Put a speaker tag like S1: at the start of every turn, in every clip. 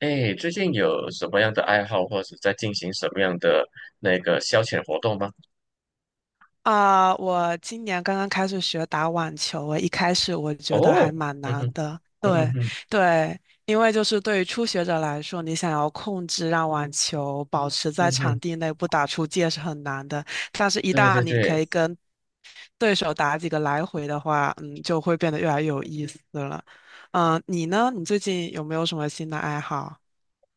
S1: 哎，最近有什么样的爱好，或者在进行什么样的那个消遣活动吗？
S2: 啊，我今年刚刚开始学打网球，我一开始觉得还
S1: 哦，
S2: 蛮
S1: 嗯哼，
S2: 难的。
S1: 嗯哼嗯
S2: 对
S1: 哼，
S2: 对，因为就是对于初学者来说，你想要控制让网球保持在
S1: 嗯
S2: 场
S1: 哼，
S2: 地内不打出界是很难的。但是，一
S1: 对
S2: 旦
S1: 对
S2: 你
S1: 对，
S2: 可以跟对手打几个来回的话，嗯，就会变得越来越有意思了。嗯，你呢？你最近有没有什么新的爱好？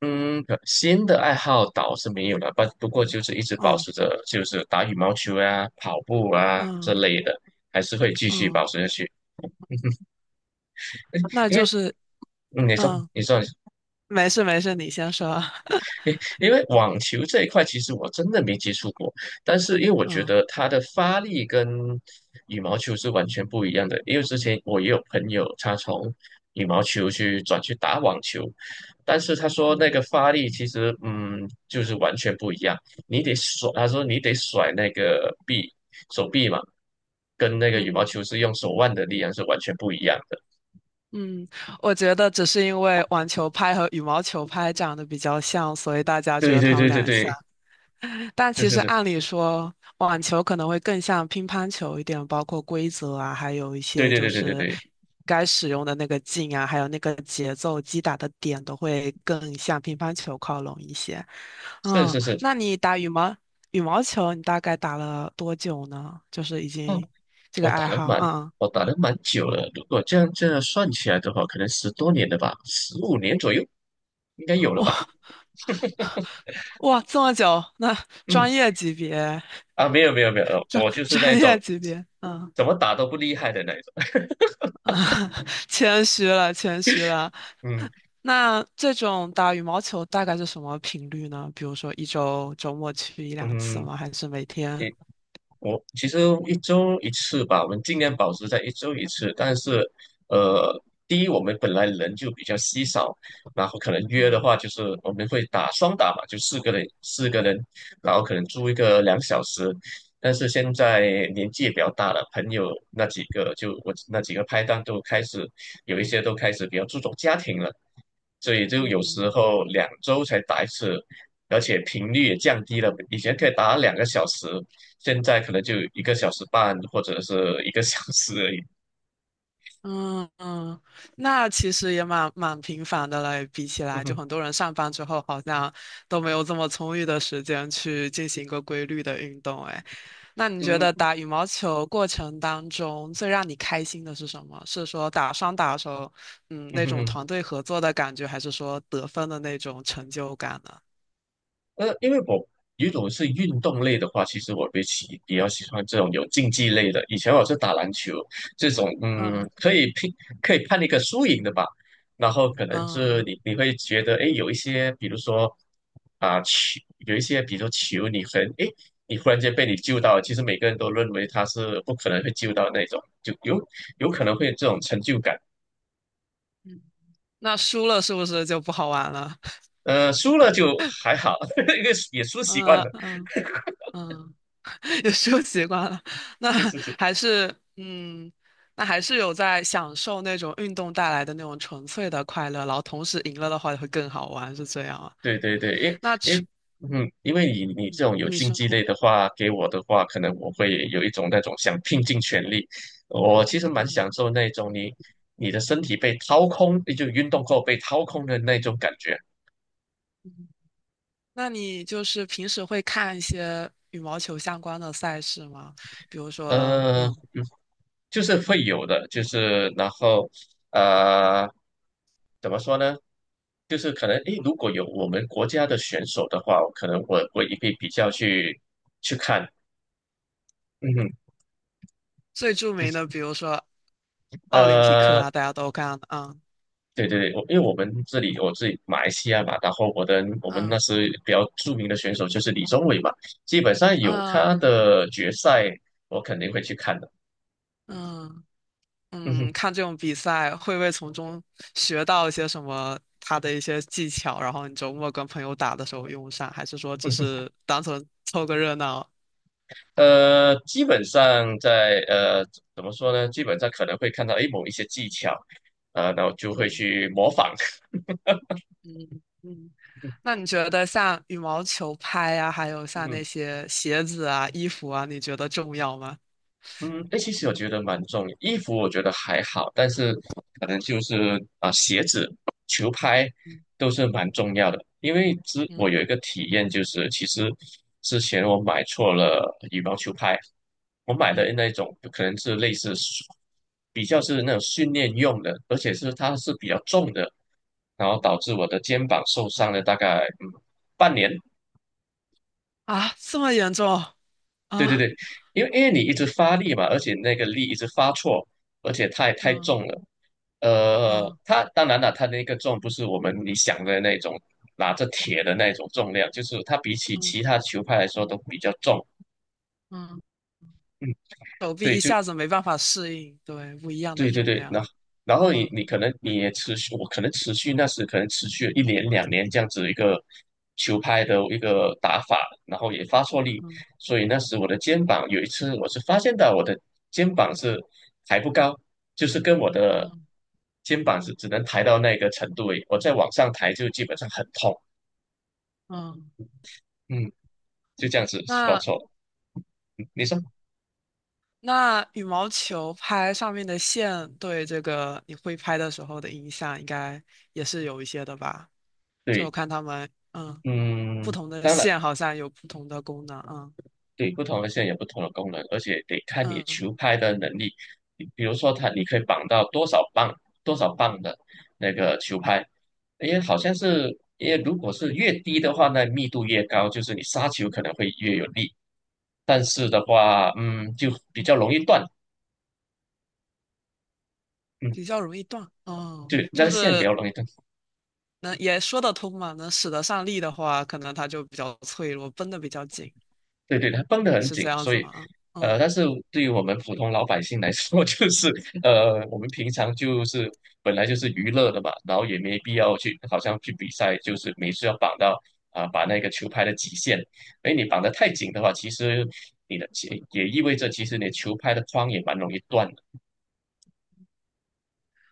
S1: 嗯，可新的爱好倒是没有了，不过就是一直保
S2: 嗯
S1: 持着，就是打羽毛球啊、跑步啊这
S2: 嗯
S1: 类的，还是会继续保
S2: 嗯，
S1: 持下去。
S2: 那
S1: 因
S2: 就
S1: 为，
S2: 是
S1: 嗯，你说，
S2: 嗯，
S1: 你说，
S2: 没事没事，你先说。
S1: 因因为网球这一块，其实我真的没接触过，但是因为我觉
S2: 嗯
S1: 得它的发力跟羽毛球是完全不一样的。因为之前我也有朋友，他从羽毛球去转去打网球，但是他说那
S2: 嗯
S1: 个发力其实，就是完全不一样。你得甩，他说你得甩那个臂，手臂嘛，跟那个羽毛
S2: 嗯。
S1: 球是用手腕的力量是完全不一样的。
S2: 嗯，我觉得只是因为网球拍和羽毛球拍长得比较像，所以大家觉
S1: 对
S2: 得
S1: 对
S2: 他们
S1: 对对
S2: 俩
S1: 对，
S2: 像。但
S1: 是
S2: 其
S1: 是
S2: 实
S1: 是，
S2: 按理说，网球可能会更像乒乓球一点，包括规则啊，还有一
S1: 对
S2: 些
S1: 对
S2: 就
S1: 对对对
S2: 是
S1: 对，
S2: 该使用的那个劲啊，还有那个节奏击打的点都会更向乒乓球靠拢一些。
S1: 是
S2: 嗯，
S1: 是是。
S2: 那你打羽毛球，你大概打了多久呢？就是已经这个
S1: 我打
S2: 爱
S1: 了
S2: 好，
S1: 蛮，
S2: 嗯，
S1: 我打了蛮久了。如果这样算起来的话，可能10多年了吧，15年左右应该有了吧。
S2: 哇，这么久，那
S1: 嗯，
S2: 专业级别。
S1: 啊，没有没有没有，
S2: 专
S1: 我就 是那
S2: 专
S1: 一种
S2: 业级别，嗯，
S1: 怎么打都不厉害的那一种。
S2: 谦虚了，谦虚了。
S1: 嗯
S2: 那这种打羽毛球大概是什么频率呢？比如说一周周末去一两次
S1: 嗯，
S2: 吗？还是每天？
S1: 我其实一周一次吧，我们尽量保持在一周一次。但是，
S2: 嗯
S1: 呃，第一，我们本来人就比较稀少，然后可能约的
S2: 嗯
S1: 话，就是我们会打双打嘛，就四个人，四个人，然后可能租一个2小时。但是现在年纪也比较大了，朋友那几个就我那几个拍档都开始有一些都开始比较注重家庭了，所以就有时
S2: 嗯。
S1: 候2周才打一次，而且频率也降低了。以前可以打2个小时，现在可能就一个小时半或者是一个小时而已。
S2: 嗯嗯，那其实也蛮频繁的了，比起
S1: 嗯
S2: 来，就
S1: 哼，
S2: 很多人上班之后好像都没有这么充裕的时间去进行一个规律的运动。哎，那你觉
S1: 嗯
S2: 得
S1: 哼，
S2: 打羽毛球过程当中最让你开心的是什么？是说打双打手，嗯，
S1: 嗯
S2: 那
S1: 哼
S2: 种
S1: 嗯
S2: 团队合作的感觉，还是说得分的那种成就感呢？
S1: 哼，因为我如果是运动类的话，其实我比起比较喜欢这种有竞技类的。以前我是打篮球这种，
S2: 嗯
S1: 可以拼，可以判一个输赢的吧。然后可能是
S2: 嗯，
S1: 你会觉得，哎，有一些，比如说啊球，有一些，比如说球，你很，哎，你忽然间被你救到了其实每个人都认为他是不可能会救到那种，就有可能会有这种成就感。
S2: 嗯那输了是不是就不好玩了？
S1: 输了就还好，因为也输习惯
S2: 嗯
S1: 了。
S2: 嗯嗯。也是习惯了。那
S1: 是是是，
S2: 还是嗯，那还是有在享受那种运动带来的那种纯粹的快乐，然后同时赢了的话会更好玩，是这样啊？
S1: 对对对，
S2: 那
S1: 因
S2: 除
S1: 因因为你这种有
S2: 你
S1: 竞
S2: 说，
S1: 技类的话，给我的话，可能我会有一种那种想拼尽全力。我其实蛮
S2: 嗯，
S1: 享受那种你的身体被掏空，就运动后被掏空的那种感觉。
S2: 那你就是平时会看一些羽毛球相关的赛事吗？比如说，
S1: 呃，
S2: 嗯，
S1: 就是会有的，就是然后呃，怎么说呢？就是可能诶，如果有我们国家的选手的话，可能我也会比较去看，嗯哼，
S2: 最著
S1: 就
S2: 名
S1: 是
S2: 的，比如说奥林匹克
S1: 呃，
S2: 啊，大家都看，嗯
S1: 对对对，我因为我们这里我自己马来西亚嘛，然后我们
S2: 嗯
S1: 那时比较著名的选手就是李宗伟嘛，基本上有他
S2: 嗯
S1: 的决赛，我肯定会去看的，
S2: 嗯。
S1: 嗯
S2: 嗯，
S1: 哼。
S2: 看这种比赛会不会从中学到一些什么他的一些技巧，然后你周末跟朋友打的时候用上，还是说只是单纯凑个热闹？
S1: 基本上在怎么说呢？基本上可能会看到诶某一些技巧，啊、然后就会
S2: 嗯
S1: 去模仿。
S2: 嗯嗯。那你觉得像羽毛球拍呀、还有像
S1: 嗯。
S2: 那些鞋子啊、衣服啊，你觉得重要吗？
S1: 嗯，哎，其实我觉得蛮重要。衣服我觉得还好，但是可能就是啊、鞋子、球拍
S2: 嗯
S1: 都是蛮
S2: 嗯
S1: 重要的。因为我有一
S2: 嗯
S1: 个体验，就是其实之前我买错了羽毛球拍，我买的
S2: 嗯。
S1: 那种可能是类似比较是那种训练用的，而且是它是比较重的，然后导致我的肩膀受伤了大概半年。
S2: 啊，这么严重啊？
S1: 对对
S2: 嗯
S1: 对，因为你一直发力嘛，而且那个力一直发错，而且太
S2: 嗯
S1: 重了。它当然了，它那个重不是你想的那种拿着铁的那种重量，就是它比起
S2: 嗯
S1: 其他球拍来说都比较重。
S2: 嗯，
S1: 嗯，
S2: 手臂
S1: 对，
S2: 一下子没办法适应，对，不一样的
S1: 对对
S2: 重
S1: 对，那
S2: 量。
S1: 然后你
S2: 嗯
S1: 你可能你也持续，我可能持续那时可能持续了1年2年这样子一个球拍的一个打法，然后也发错力，
S2: 嗯
S1: 所以那时我的肩膀有一次我是发现到我的肩膀是抬不高，就是跟我的
S2: 嗯
S1: 肩膀是只能抬到那个程度而已，我再往上抬就基本上很痛，
S2: 嗯
S1: 嗯，就这样子发
S2: 那
S1: 错，你说
S2: 羽毛球拍上面的线对这个你挥拍的时候的影响，应该也是有一些的吧？就我
S1: 对，
S2: 看他们，嗯，不
S1: 嗯，
S2: 同的
S1: 当然。
S2: 线好像有不同的功能，嗯
S1: 对，不同的线有不同的功能，而且得看你
S2: 嗯，
S1: 球拍的能力。你比如说它，你可以绑到多少磅、多少磅的那个球拍，因为好像是，因为如果是越低的话，那密度越高，就是你杀球可能会越有力。但是的话，嗯，就比较容易断，嗯，
S2: 比较容易断，哦，
S1: 就那
S2: 就
S1: 个线比较
S2: 是
S1: 容易断。
S2: 能也说得通嘛，能使得上力的话，可能它就比较脆弱，绷得比较紧，
S1: 对对，它绷得很
S2: 是
S1: 紧，
S2: 这样
S1: 所
S2: 子
S1: 以，
S2: 吗？嗯，
S1: 但是对于我们普通老百姓来说，就是我们平常就是本来就是娱乐的嘛，然后也没必要去好像去比赛，就是每次要绑到啊、把那个球拍的极限，哎，你绑得太紧的话，其实你的其也意味着其实你球拍的框也蛮容易断。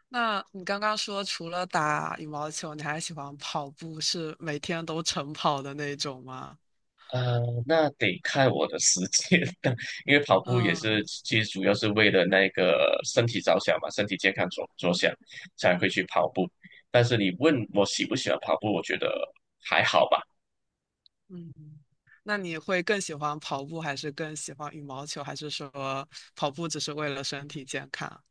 S2: 那你刚刚说除了打羽毛球，你还喜欢跑步，是每天都晨跑的那种吗？
S1: 呃，那得看我的时间，因为跑步也
S2: 嗯。
S1: 是，其实主要是为了那个身体着想嘛，身体健康着想才会去跑步。但是你问我喜不喜欢跑步，我觉得还好吧。
S2: 嗯，那你会更喜欢跑步，还是更喜欢羽毛球，还是说跑步只是为了身体健康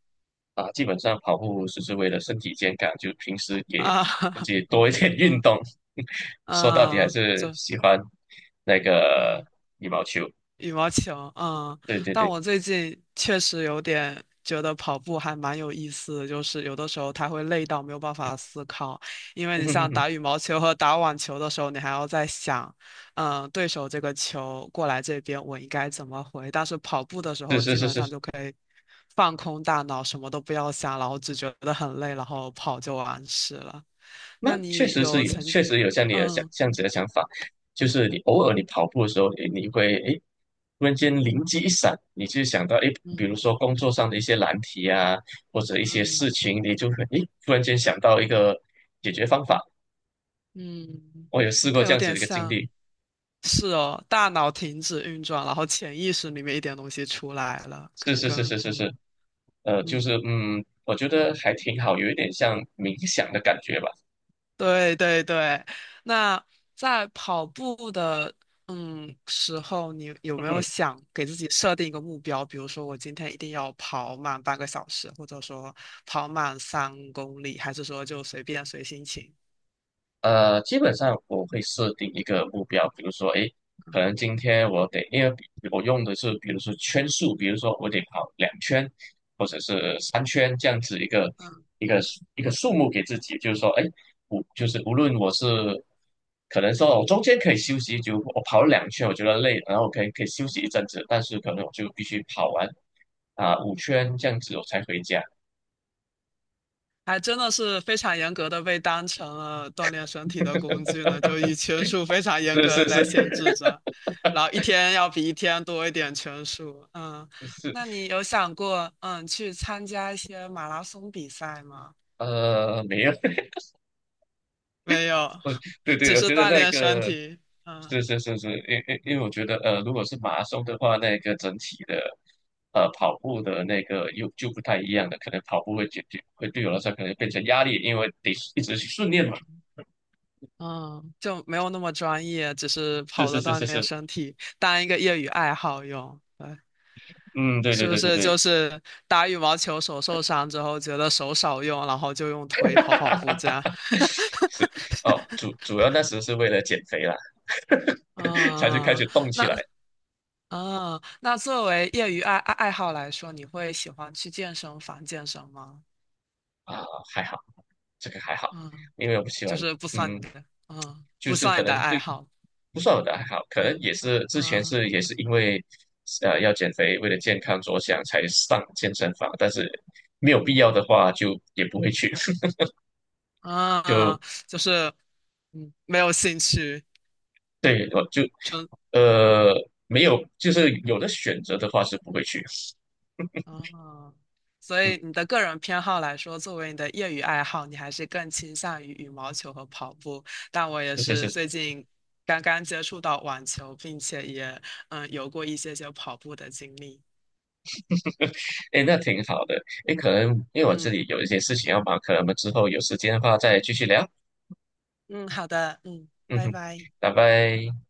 S1: 啊，基本上跑步只是为了身体健康，就平时给
S2: 啊？
S1: 自 己多一点 运
S2: 嗯
S1: 动。说到底还
S2: 嗯，
S1: 是
S2: 这
S1: 喜欢那个
S2: 嗯。
S1: 羽毛球。
S2: 羽毛球，嗯，
S1: 对对
S2: 但
S1: 对，
S2: 我最近确实有点觉得跑步还蛮有意思的，就是有的时候它会累到没有办法思考，因为你像打羽 毛球和打网球的时候，你还要在想，嗯，对手这个球过来这边我应该怎么回，但是跑步的时
S1: 是
S2: 候
S1: 是
S2: 基
S1: 是
S2: 本上
S1: 是，
S2: 就可以放空大脑，什么都不要想，然后只觉得很累，然后跑就完事了。
S1: 那
S2: 那
S1: 确
S2: 你
S1: 实是
S2: 有
S1: 有，
S2: 曾，
S1: 确实有像你的想
S2: 嗯
S1: 这样子的想法，就是你偶尔你跑步的时候，诶你会诶，突然间灵机一闪，你就想到诶，比如
S2: 嗯
S1: 说工作上的一些难题啊，或者一些
S2: 嗯
S1: 事情，你就会诶，突然间想到一个解决方法。
S2: 嗯，
S1: 我有试过
S2: 更
S1: 这
S2: 有
S1: 样子
S2: 点
S1: 的一个经
S2: 像。
S1: 历，
S2: 是哦，大脑停止运转，然后潜意识里面一点东西出来了，可
S1: 是
S2: 能
S1: 是
S2: 跟
S1: 是是是是，
S2: 嗯
S1: 就
S2: 嗯，
S1: 是我觉得还挺好，有一点像冥想的感觉吧。
S2: 对对对。那在跑步的嗯时候，你有没有 想给自己设定一个目标？比如说，我今天一定要跑满半个小时，或者说跑满三公里，还是说就随便随心情？
S1: 基本上我会设定一个目标，比如说，诶，可能今天我得，因为比我用的是，比如说圈数，比如说我得跑两圈，或者是3圈这样子一个
S2: 嗯。
S1: 一个数目给自己，就是说，诶，无就是无论我是可能说我中间可以休息，就我跑了两圈，我觉得累，然后我可以休息一阵子，但是可能我就必须跑完啊、5圈这样子我才回家，
S2: 还真的是非常严格的被当成了锻炼身体的工具呢，就以拳术非常严
S1: 是
S2: 格的
S1: 是
S2: 在限
S1: 是
S2: 制着，然后一天要比一天多一点拳术。嗯，
S1: 是，
S2: 那你有想过嗯去参加一些马拉松比赛吗？
S1: 没有。
S2: 没有，
S1: 哦，对
S2: 只
S1: 对，我
S2: 是
S1: 觉得
S2: 锻
S1: 那
S2: 炼身
S1: 个
S2: 体。嗯
S1: 是是是是，因为我觉得如果是马拉松的话，那个整体的跑步的那个又就不太一样了，可能跑步会解决会对我来说可能变成压力，因为得一直去训练嘛。
S2: 嗯，就没有那么专业，只是
S1: 是
S2: 跑
S1: 是
S2: 着
S1: 是
S2: 锻
S1: 是
S2: 炼
S1: 是，
S2: 身体，当一个业余爱好用。对。
S1: 嗯，对
S2: 是
S1: 对
S2: 不
S1: 对对
S2: 是
S1: 对，
S2: 就是打羽毛球手受伤之后，觉得手少用，然后就用腿跑跑步这样？
S1: 是哦，主要那时是为了减肥啦，才去开
S2: 嗯，
S1: 始动起来
S2: 那嗯，那作为业余爱好来说，你会喜欢去健身房健身吗？
S1: 啊，还好这个还好，
S2: 嗯，
S1: 因为我不喜
S2: 就
S1: 欢，
S2: 是不算你
S1: 嗯。
S2: 的，嗯，
S1: 就
S2: 不
S1: 是
S2: 算
S1: 可
S2: 你的
S1: 能
S2: 爱
S1: 对
S2: 好，
S1: 不算我的爱好，可能
S2: 嗯
S1: 也是之前
S2: 嗯
S1: 也是因为要减肥，为了健康着想才上健身房，但是没有必要的话就也不会去，
S2: 嗯，嗯
S1: 就
S2: 嗯就是嗯没有兴趣，
S1: 对我就
S2: 纯
S1: 呃没有就是有的选择的话是不会去，
S2: 哦，所
S1: 嗯。
S2: 以你的个人偏好来说，作为你的业余爱好，你还是更倾向于羽毛球和跑步。但我也
S1: 是是
S2: 是
S1: 是，
S2: 最近刚刚接触到网球，并且也嗯有过一些些跑步的经历。
S1: 哎，那挺好的。哎，可能因为我这
S2: 嗯
S1: 里有一些事情要忙，可能我们之后有时间的话再继续聊。
S2: 嗯，好的，嗯，
S1: 嗯
S2: 拜
S1: 哼，
S2: 拜。
S1: 拜拜。